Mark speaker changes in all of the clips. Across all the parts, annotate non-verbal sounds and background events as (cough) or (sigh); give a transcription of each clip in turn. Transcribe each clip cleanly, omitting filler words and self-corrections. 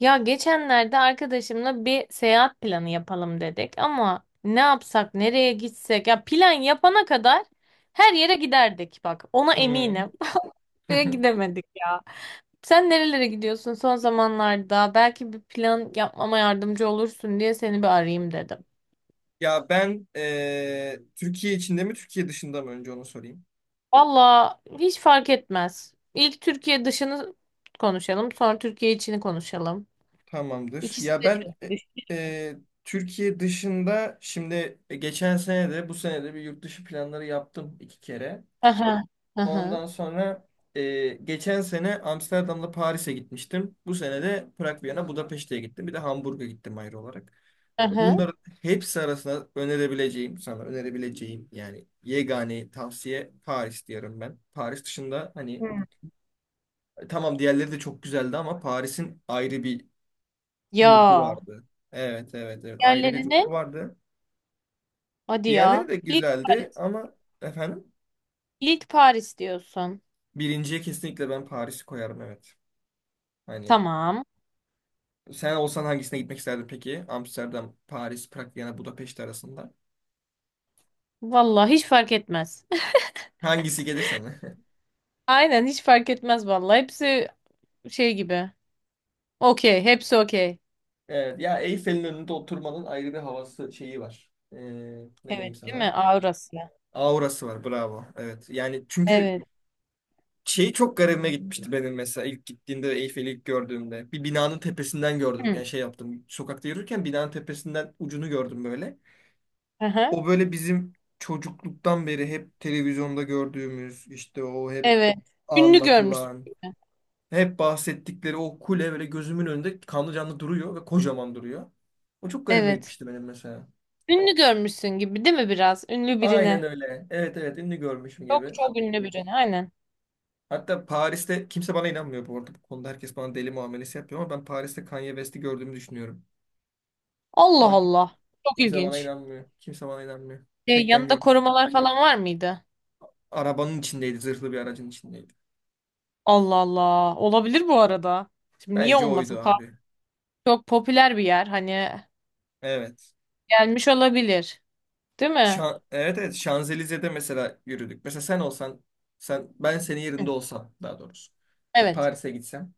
Speaker 1: Ya geçenlerde arkadaşımla bir seyahat planı yapalım dedik ama ne yapsak, nereye gitsek? Ya plan yapana kadar her yere giderdik bak. Ona
Speaker 2: Hmm.
Speaker 1: eminim. (laughs) Ve
Speaker 2: (laughs)
Speaker 1: gidemedik ya. Sen nerelere gidiyorsun son zamanlarda? Belki bir plan yapmama yardımcı olursun diye seni bir arayayım dedim.
Speaker 2: Ya ben Türkiye içinde mi Türkiye dışında mı önce onu sorayım.
Speaker 1: Valla hiç fark etmez. İlk Türkiye dışını konuşalım, sonra Türkiye içini konuşalım.
Speaker 2: Tamamdır.
Speaker 1: İkisi
Speaker 2: Ya
Speaker 1: de
Speaker 2: ben
Speaker 1: çok iyi.
Speaker 2: e, Türkiye dışında şimdi geçen sene de bu sene de bir yurt dışı planları yaptım iki kere.
Speaker 1: Aha. Aha.
Speaker 2: Ondan sonra geçen sene Amsterdam'da Paris'e gitmiştim. Bu sene de Prag, Viyana, Budapeşte'ye gittim. Bir de Hamburg'a gittim ayrı olarak.
Speaker 1: Aha.
Speaker 2: Bunların hepsi arasında önerebileceğim, sana önerebileceğim yani yegane tavsiye Paris diyorum ben. Paris dışında hani.
Speaker 1: Hı.
Speaker 2: Tamam, diğerleri de çok güzeldi ama Paris'in ayrı bir ruhu
Speaker 1: Ya.
Speaker 2: vardı. Evet, evet, evet, ayrı bir
Speaker 1: Yerlerini
Speaker 2: ruhu vardı.
Speaker 1: hadi
Speaker 2: Diğerleri
Speaker 1: ya.
Speaker 2: de
Speaker 1: İlk
Speaker 2: güzeldi
Speaker 1: Paris.
Speaker 2: ama efendim
Speaker 1: İlk Paris diyorsun.
Speaker 2: birinciye kesinlikle ben Paris'i koyarım, evet. Hani
Speaker 1: Tamam.
Speaker 2: sen olsan hangisine gitmek isterdin peki? Amsterdam, Paris, Prag, Viyana, Budapeşte arasında.
Speaker 1: Vallahi hiç fark etmez.
Speaker 2: Hangisi gelirse mi? (laughs)
Speaker 1: (laughs) Aynen hiç fark etmez vallahi. Hepsi şey gibi. Okey. Hepsi okey.
Speaker 2: Evet ya, Eyfel'in önünde oturmanın ayrı bir havası şeyi var. Ne diyeyim
Speaker 1: Evet değil mi?
Speaker 2: sana?
Speaker 1: Avrasya.
Speaker 2: Aurası var, bravo. Evet yani çünkü
Speaker 1: Evet.
Speaker 2: şey çok garibime gitmişti benim mesela ilk gittiğimde, Eyfel'i ilk gördüğümde. Bir binanın tepesinden gördüm.
Speaker 1: Hı.
Speaker 2: Yani şey yaptım. Sokakta yürürken binanın tepesinden ucunu gördüm böyle.
Speaker 1: Aha.
Speaker 2: O böyle bizim çocukluktan beri hep televizyonda gördüğümüz, işte o hep
Speaker 1: Evet. Ünlü görmüşsün
Speaker 2: anlatılan,
Speaker 1: gibi.
Speaker 2: hep bahsettikleri o kule böyle gözümün önünde kanlı canlı duruyor ve kocaman duruyor. O çok garibime
Speaker 1: Evet.
Speaker 2: gitmişti benim mesela.
Speaker 1: Ünlü görmüşsün gibi değil mi biraz? Ünlü
Speaker 2: Aynen
Speaker 1: birine.
Speaker 2: öyle. Evet, evet, ünlü görmüşüm
Speaker 1: Çok
Speaker 2: gibi.
Speaker 1: çok ünlü birine. Aynen.
Speaker 2: Hatta Paris'te kimse bana inanmıyor bu arada. Bu konuda herkes bana deli muamelesi yapıyor ama ben Paris'te Kanye West'i gördüğümü düşünüyorum.
Speaker 1: Allah
Speaker 2: Ama
Speaker 1: Allah. Çok
Speaker 2: kimse bana
Speaker 1: ilginç.
Speaker 2: inanmıyor. Kimse bana inanmıyor.
Speaker 1: Şey,
Speaker 2: Tek ben
Speaker 1: yanında
Speaker 2: gördüm.
Speaker 1: korumalar falan var mıydı?
Speaker 2: Arabanın içindeydi. Zırhlı bir aracın içindeydi.
Speaker 1: Allah Allah. Olabilir bu arada. Şimdi niye
Speaker 2: Bence oydu
Speaker 1: olmasın?
Speaker 2: abi.
Speaker 1: Çok popüler bir yer. Hani
Speaker 2: Evet.
Speaker 1: gelmiş olabilir. Değil mi?
Speaker 2: Evet, evet, Şanzelize'de mesela yürüdük. Mesela sen olsan ben senin
Speaker 1: Hı,
Speaker 2: yerinde olsam daha doğrusu. Ve
Speaker 1: evet.
Speaker 2: Paris'e gitsem.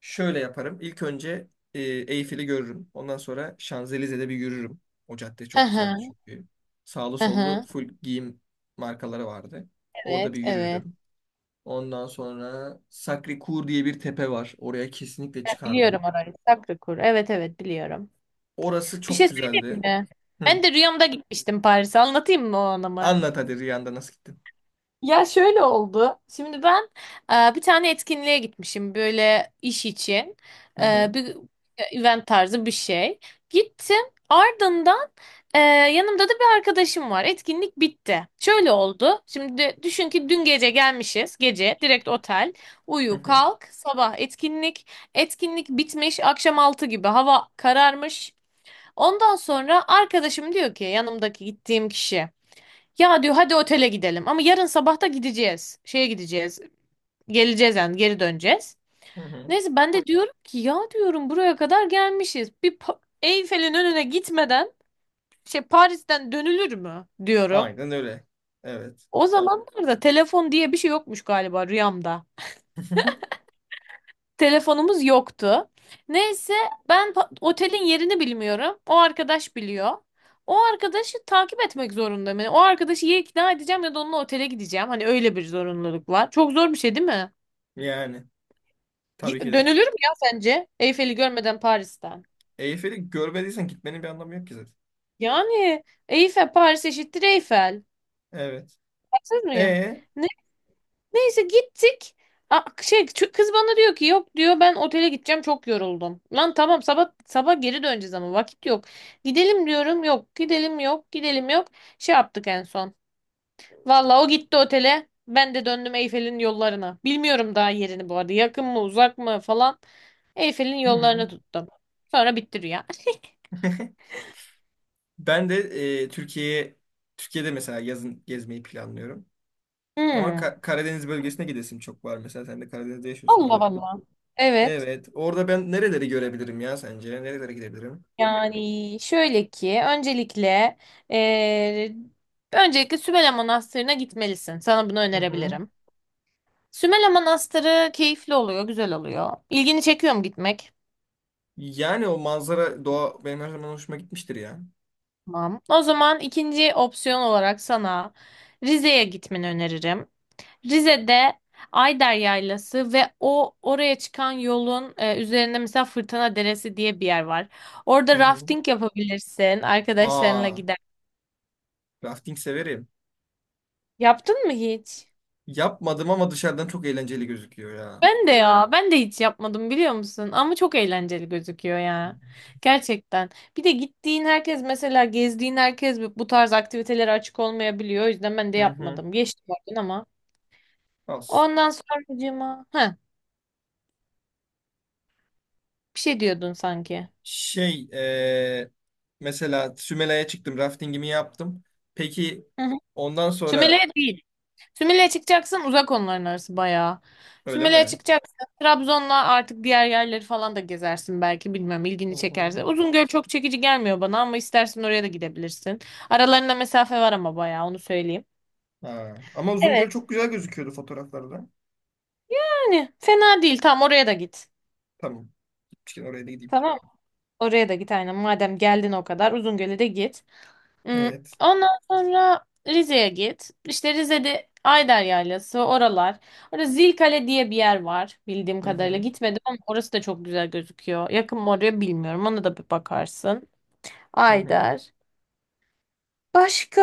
Speaker 2: Şöyle yaparım. İlk önce Eyfel'i görürüm. Ondan sonra Şanzelize'de bir yürürüm. O cadde çok güzeldi
Speaker 1: Aha,
Speaker 2: çünkü. Sağlı sollu
Speaker 1: aha.
Speaker 2: full giyim markaları vardı. Orada
Speaker 1: Evet,
Speaker 2: bir
Speaker 1: evet.
Speaker 2: yürürüm. Ondan sonra Sacré-Cœur diye bir tepe var. Oraya kesinlikle
Speaker 1: Ben
Speaker 2: çıkardım.
Speaker 1: biliyorum orayı. Sacré-Cœur. Evet, evet biliyorum.
Speaker 2: Orası
Speaker 1: Bir şey
Speaker 2: çok
Speaker 1: söyleyeyim
Speaker 2: güzeldi.
Speaker 1: mi?
Speaker 2: Hı.
Speaker 1: Ben de rüyamda gitmiştim Paris'e. Anlatayım mı onu mı?
Speaker 2: Anlat hadi, Riyan'da nasıl gittin?
Speaker 1: Ya şöyle oldu. Şimdi ben bir tane etkinliğe gitmişim böyle iş için.
Speaker 2: Hı hı,
Speaker 1: Bir event tarzı bir şey. Gittim. Ardından yanımda da bir arkadaşım var. Etkinlik bitti. Şöyle oldu. Şimdi düşün ki dün gece gelmişiz. Gece direkt otel.
Speaker 2: hı
Speaker 1: Uyu
Speaker 2: hı,
Speaker 1: kalk. Sabah etkinlik. Etkinlik bitmiş. Akşam 6 gibi hava kararmış. Ondan sonra arkadaşım diyor ki yanımdaki gittiğim kişi. Ya diyor hadi otele gidelim ama yarın sabah da gideceğiz. Şeye gideceğiz. Geleceğiz yani geri döneceğiz.
Speaker 2: hı hı.
Speaker 1: Neyse ben de diyorum ki ya diyorum buraya kadar gelmişiz. Eyfel'in önüne gitmeden şey Paris'ten dönülür mü diyorum.
Speaker 2: Aynen öyle. Evet.
Speaker 1: O zamanlarda telefon diye bir şey yokmuş galiba rüyamda.
Speaker 2: (laughs)
Speaker 1: Telefonumuz yoktu. Neyse ben otelin yerini bilmiyorum. O arkadaş biliyor. O arkadaşı takip etmek zorundayım. Yani o arkadaşı ya ikna edeceğim ya da onunla otele gideceğim. Hani öyle bir zorunluluk var. Çok zor bir şey değil mi?
Speaker 2: Yani tabii ki de.
Speaker 1: Dönülür mü ya sence? Eyfel'i görmeden Paris'ten.
Speaker 2: Eyfel'i görmediysen gitmenin bir anlamı yok ki zaten.
Speaker 1: Yani Eyfel Paris eşittir Eyfel.
Speaker 2: Evet.
Speaker 1: Haksız mıyım?
Speaker 2: E
Speaker 1: Neyse gittik. Kız bana diyor ki yok diyor ben otele gideceğim çok yoruldum. Lan tamam sabah sabah geri döneceğiz ama vakit yok. Gidelim diyorum yok gidelim yok gidelim yok. Şey yaptık en son. Valla o gitti otele. Ben de döndüm Eyfel'in yollarına. Bilmiyorum daha yerini bu arada. Yakın mı uzak mı falan. Eyfel'in yollarını tuttum. Sonra bitti rüya.
Speaker 2: Ben de e, Türkiye'ye Türkiye'de mesela yazın gezmeyi planlıyorum. Ama
Speaker 1: Hmm.
Speaker 2: Karadeniz bölgesine gidesim çok var. Mesela sen de Karadeniz'de yaşıyorsun
Speaker 1: Allah
Speaker 2: galiba.
Speaker 1: Allah. Evet.
Speaker 2: Evet. Orada ben nereleri görebilirim ya sence? Nerelere gidebilirim?
Speaker 1: Yani şöyle ki öncelikle eee, öncelikle Sümele Manastırı'na gitmelisin. Sana bunu
Speaker 2: Hı hı.
Speaker 1: önerebilirim. Sümele Manastırı keyifli oluyor, güzel oluyor. İlgini çekiyor mu gitmek?
Speaker 2: Yani o manzara, doğa benim her zaman hoşuma gitmiştir ya.
Speaker 1: Tamam. O zaman ikinci opsiyon olarak sana Rize'ye gitmeni öneririm. Rize'de Ayder Yaylası ve o oraya çıkan yolun üzerinde mesela Fırtına Deresi diye bir yer var.
Speaker 2: Hı
Speaker 1: Orada
Speaker 2: hı.
Speaker 1: rafting yapabilirsin, arkadaşlarınla
Speaker 2: Aa,
Speaker 1: gider.
Speaker 2: rafting severim.
Speaker 1: Yaptın mı hiç?
Speaker 2: Yapmadım ama dışarıdan çok eğlenceli gözüküyor ya.
Speaker 1: Ben de ya, ben de hiç yapmadım biliyor musun? Ama çok eğlenceli gözüküyor ya. Gerçekten. Bir de gittiğin herkes mesela gezdiğin herkes bu tarz aktivitelere açık olmayabiliyor. O yüzden ben de
Speaker 2: Hı hı.
Speaker 1: yapmadım. Geçtim oradan ama.
Speaker 2: Al.
Speaker 1: Ondan sonracığıma. Heh, bir şey diyordun sanki.
Speaker 2: Şey eee, Mesela Sümela'ya çıktım, raftingimi yaptım. Peki
Speaker 1: Hı hı.
Speaker 2: ondan
Speaker 1: Sümele
Speaker 2: sonra
Speaker 1: değil. Sümele çıkacaksın uzak onların arası bayağı.
Speaker 2: öyle
Speaker 1: Sümele
Speaker 2: mi?
Speaker 1: çıkacaksın Trabzon'la artık diğer yerleri falan da gezersin belki bilmem
Speaker 2: Hı
Speaker 1: ilgini
Speaker 2: hı.
Speaker 1: çekerse. Uzungöl çok çekici gelmiyor bana ama istersen oraya da gidebilirsin. Aralarında mesafe var ama bayağı onu söyleyeyim.
Speaker 2: Ha. Ama Uzungöl
Speaker 1: Evet.
Speaker 2: çok güzel gözüküyordu fotoğraflarda.
Speaker 1: Yani fena değil tamam oraya da git.
Speaker 2: Tamam. Gitmişken oraya da gideyim.
Speaker 1: Tamam. Oraya da git aynen madem geldin o kadar Uzungöl'e de git. Hmm,
Speaker 2: Evet.
Speaker 1: ondan sonra Rize'ye git. İşte Rize'de Ayder Yaylası, oralar. Orada Zilkale diye bir yer var bildiğim
Speaker 2: Hı
Speaker 1: kadarıyla.
Speaker 2: hı.
Speaker 1: Gitmedim ama orası da çok güzel gözüküyor. Yakın mı oraya bilmiyorum. Ona da bir bakarsın.
Speaker 2: Hı hı.
Speaker 1: Ayder. Başka?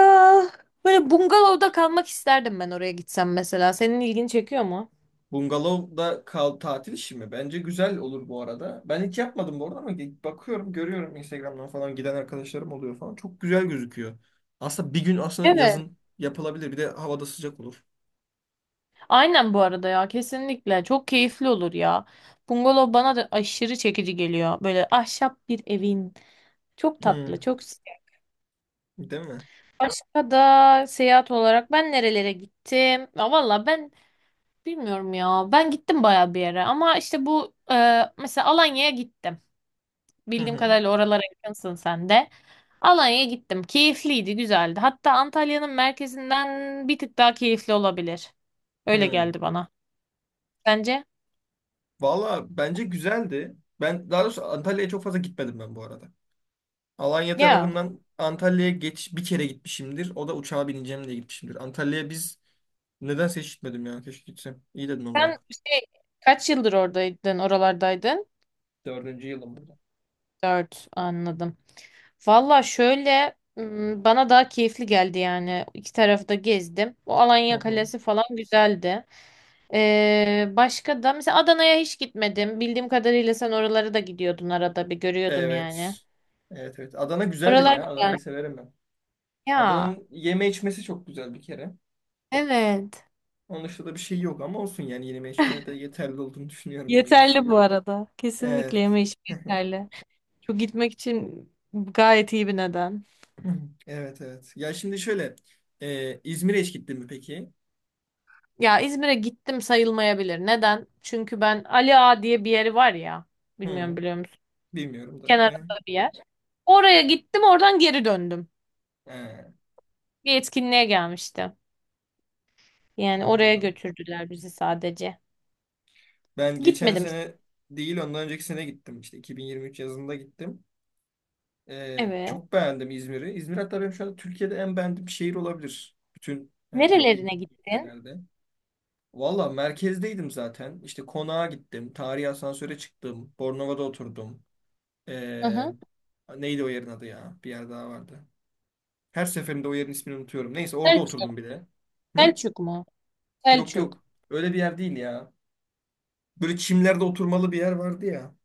Speaker 1: Böyle bungalovda kalmak isterdim ben oraya gitsem mesela. Senin ilgini çekiyor mu?
Speaker 2: Bungalov'da kal tatil işi mi? Bence güzel olur bu arada. Ben hiç yapmadım bu arada ama bakıyorum, görüyorum Instagram'dan falan giden arkadaşlarım oluyor falan. Çok güzel gözüküyor. Aslında bir gün aslında
Speaker 1: Evet.
Speaker 2: yazın yapılabilir. Bir de havada sıcak olur.
Speaker 1: Aynen bu arada ya kesinlikle. Çok keyifli olur ya. Bungalov bana da aşırı çekici geliyor. Böyle ahşap bir evin. Çok
Speaker 2: Hı.
Speaker 1: tatlı, çok.
Speaker 2: Değil mi?
Speaker 1: Başka da seyahat olarak ben nerelere gittim? Ya valla ben bilmiyorum ya. Ben gittim baya bir yere ama işte bu mesela Alanya'ya gittim.
Speaker 2: Hı
Speaker 1: Bildiğim
Speaker 2: hı.
Speaker 1: kadarıyla oralara yakınsın sen de. Alanya'ya gittim. Keyifliydi, güzeldi. Hatta Antalya'nın merkezinden bir tık daha keyifli olabilir. Öyle
Speaker 2: Hmm.
Speaker 1: geldi bana. Sence?
Speaker 2: Valla bence güzeldi. Ben daha doğrusu Antalya'ya çok fazla gitmedim ben bu arada. Alanya
Speaker 1: Ya
Speaker 2: tarafından Antalya'ya geç bir kere gitmişimdir. O da uçağa bineceğim diye gitmişimdir. Antalya'ya biz neden hiç gitmedim ya. Keşke gitsem. İyi dedin onu
Speaker 1: sen
Speaker 2: bak.
Speaker 1: şey kaç yıldır oradaydın, oralardaydın?
Speaker 2: Dördüncü yılım burada.
Speaker 1: Dört anladım. Valla bana daha keyifli geldi yani. İki tarafı da gezdim. O
Speaker 2: Hı
Speaker 1: Alanya
Speaker 2: hı.
Speaker 1: Kalesi falan güzeldi. Başka da mesela Adana'ya hiç gitmedim. Bildiğim kadarıyla sen oralara da gidiyordun arada bir görüyordum yani.
Speaker 2: Evet. Evet, evet. Adana güzeldir
Speaker 1: Oralar
Speaker 2: ya.
Speaker 1: güzel.
Speaker 2: Adana'yı severim ben.
Speaker 1: Ya
Speaker 2: Adana'nın yeme içmesi çok güzel bir kere.
Speaker 1: evet.
Speaker 2: Onun dışında da bir şey yok ama olsun yani yeme içme de yeterli olduğunu düşünüyorum bence.
Speaker 1: Yeterli bu arada. Kesinlikle
Speaker 2: Evet.
Speaker 1: yeme içme
Speaker 2: (laughs)
Speaker 1: yeterli. Çok gitmek için gayet iyi bir neden.
Speaker 2: Hı. Evet, evet. Ya şimdi şöyle. İzmir'e hiç gittin mi peki?
Speaker 1: Ya İzmir'e gittim sayılmayabilir. Neden? Çünkü ben Ali Ağa diye bir yeri var ya. Bilmiyorum
Speaker 2: Hı,
Speaker 1: biliyor musun?
Speaker 2: bilmiyorum da.
Speaker 1: Kenarında bir yer. Oraya gittim oradan geri döndüm.
Speaker 2: E,
Speaker 1: Bir etkinliğe gelmişti. Yani oraya
Speaker 2: Anladım.
Speaker 1: götürdüler bizi sadece.
Speaker 2: Ben geçen
Speaker 1: Gitmedim.
Speaker 2: sene değil, ondan önceki sene gittim. İşte 2023 yazında gittim.
Speaker 1: Evet.
Speaker 2: Çok beğendim İzmir'i. İzmir hatta benim şu anda Türkiye'de en beğendiğim şehir olabilir. Bütün hani
Speaker 1: Nerelerine
Speaker 2: gittiğim
Speaker 1: gittin?
Speaker 2: yerlerde. Valla merkezdeydim zaten. İşte konağa gittim. Tarihi asansöre çıktım. Bornova'da oturdum.
Speaker 1: Hı
Speaker 2: E,
Speaker 1: hı.
Speaker 2: Neydi o yerin adı ya? Bir yer daha vardı. Her seferinde o yerin ismini unutuyorum. Neyse orada
Speaker 1: Selçuk.
Speaker 2: oturdum bir de. Hı?
Speaker 1: Selçuk mu?
Speaker 2: Yok,
Speaker 1: Selçuk.
Speaker 2: yok. Öyle bir yer değil ya. Böyle çimlerde oturmalı bir yer vardı ya.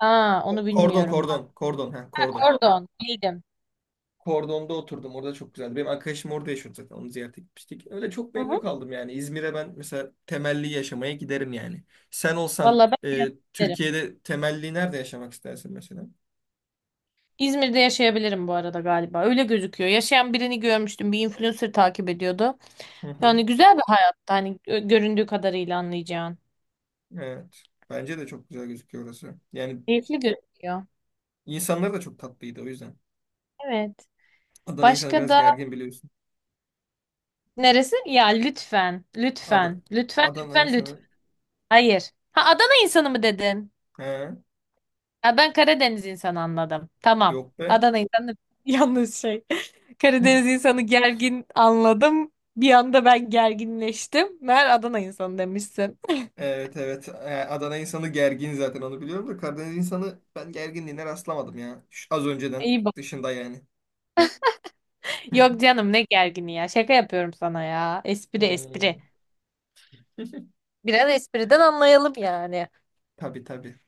Speaker 1: Aa onu
Speaker 2: Kordon,
Speaker 1: bilmiyorum bak.
Speaker 2: kordon. Kordon. Ha,
Speaker 1: Ha,
Speaker 2: kordon.
Speaker 1: Kordon. Bildim.
Speaker 2: Kordon'da oturdum. Orada çok güzeldi. Benim arkadaşım orada yaşıyordu zaten. Onu ziyarete gitmiştik. Öyle çok
Speaker 1: Hı
Speaker 2: memnun
Speaker 1: hı.
Speaker 2: kaldım yani. İzmir'e ben mesela temelli yaşamaya giderim yani. Sen olsan
Speaker 1: Valla ben
Speaker 2: Türkiye'de temelli nerede yaşamak istersin mesela?
Speaker 1: İzmir'de yaşayabilirim bu arada galiba. Öyle gözüküyor. Yaşayan birini görmüştüm. Bir influencer takip ediyordu.
Speaker 2: Hı hı.
Speaker 1: Yani güzel bir hayat. Hani göründüğü kadarıyla anlayacağın.
Speaker 2: Evet. Bence de çok güzel gözüküyor orası. Yani
Speaker 1: Keyifli gözüküyor.
Speaker 2: insanlar da çok tatlıydı o yüzden.
Speaker 1: Evet.
Speaker 2: Adana insanı
Speaker 1: Başka
Speaker 2: biraz
Speaker 1: da
Speaker 2: gergin, biliyorsun.
Speaker 1: neresi? Ya lütfen.
Speaker 2: Ad
Speaker 1: Lütfen. Lütfen.
Speaker 2: Adana
Speaker 1: Lütfen.
Speaker 2: insanı.
Speaker 1: Lütfen. Hayır. Ha Adana insanı mı dedin?
Speaker 2: He,
Speaker 1: Ha, ben Karadeniz insanı anladım. Tamam.
Speaker 2: yok be.
Speaker 1: Adana insanı (laughs) yalnız şey.
Speaker 2: (laughs)
Speaker 1: Karadeniz insanı gergin anladım. Bir anda ben gerginleştim. Meğer Adana insanı demişsin.
Speaker 2: Evet, evet. Adana insanı gergin zaten onu biliyorum da Karadeniz insanı ben gerginliğine rastlamadım ya. Şu az önceden
Speaker 1: İyi.
Speaker 2: dışında yani. (laughs)
Speaker 1: Yok canım ne gergini ya. Şaka yapıyorum sana ya. Espri
Speaker 2: Hmm.
Speaker 1: espri. Biraz espriden anlayalım yani.
Speaker 2: Tabii, tabii.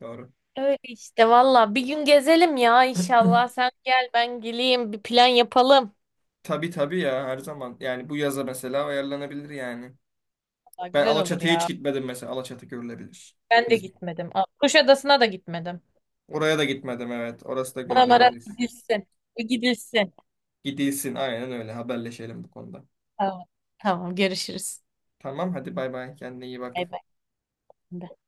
Speaker 2: Doğru.
Speaker 1: Öyle işte valla. Bir gün gezelim ya
Speaker 2: (clears throat)
Speaker 1: inşallah. Sen gel ben geleyim. Bir plan yapalım.
Speaker 2: Tabii, tabii ya, her zaman. Yani bu yaza mesela ayarlanabilir yani.
Speaker 1: Valla
Speaker 2: Ben
Speaker 1: güzel olur
Speaker 2: Alaçatı'ya hiç
Speaker 1: ya.
Speaker 2: gitmedim mesela. Alaçatı görülebilir.
Speaker 1: Ben de
Speaker 2: İzmir.
Speaker 1: gitmedim. Aa, Kuşadası'na da gitmedim.
Speaker 2: Oraya da gitmedim, evet. Orası da
Speaker 1: Oralara
Speaker 2: görülebilir.
Speaker 1: bir gidilsin. Bir gidilsin.
Speaker 2: Gidilsin, aynen öyle. Haberleşelim bu konuda.
Speaker 1: Tamam. Tamam görüşürüz.
Speaker 2: Tamam hadi, bay bay. Kendine iyi
Speaker 1: Bay
Speaker 2: bak.
Speaker 1: bay.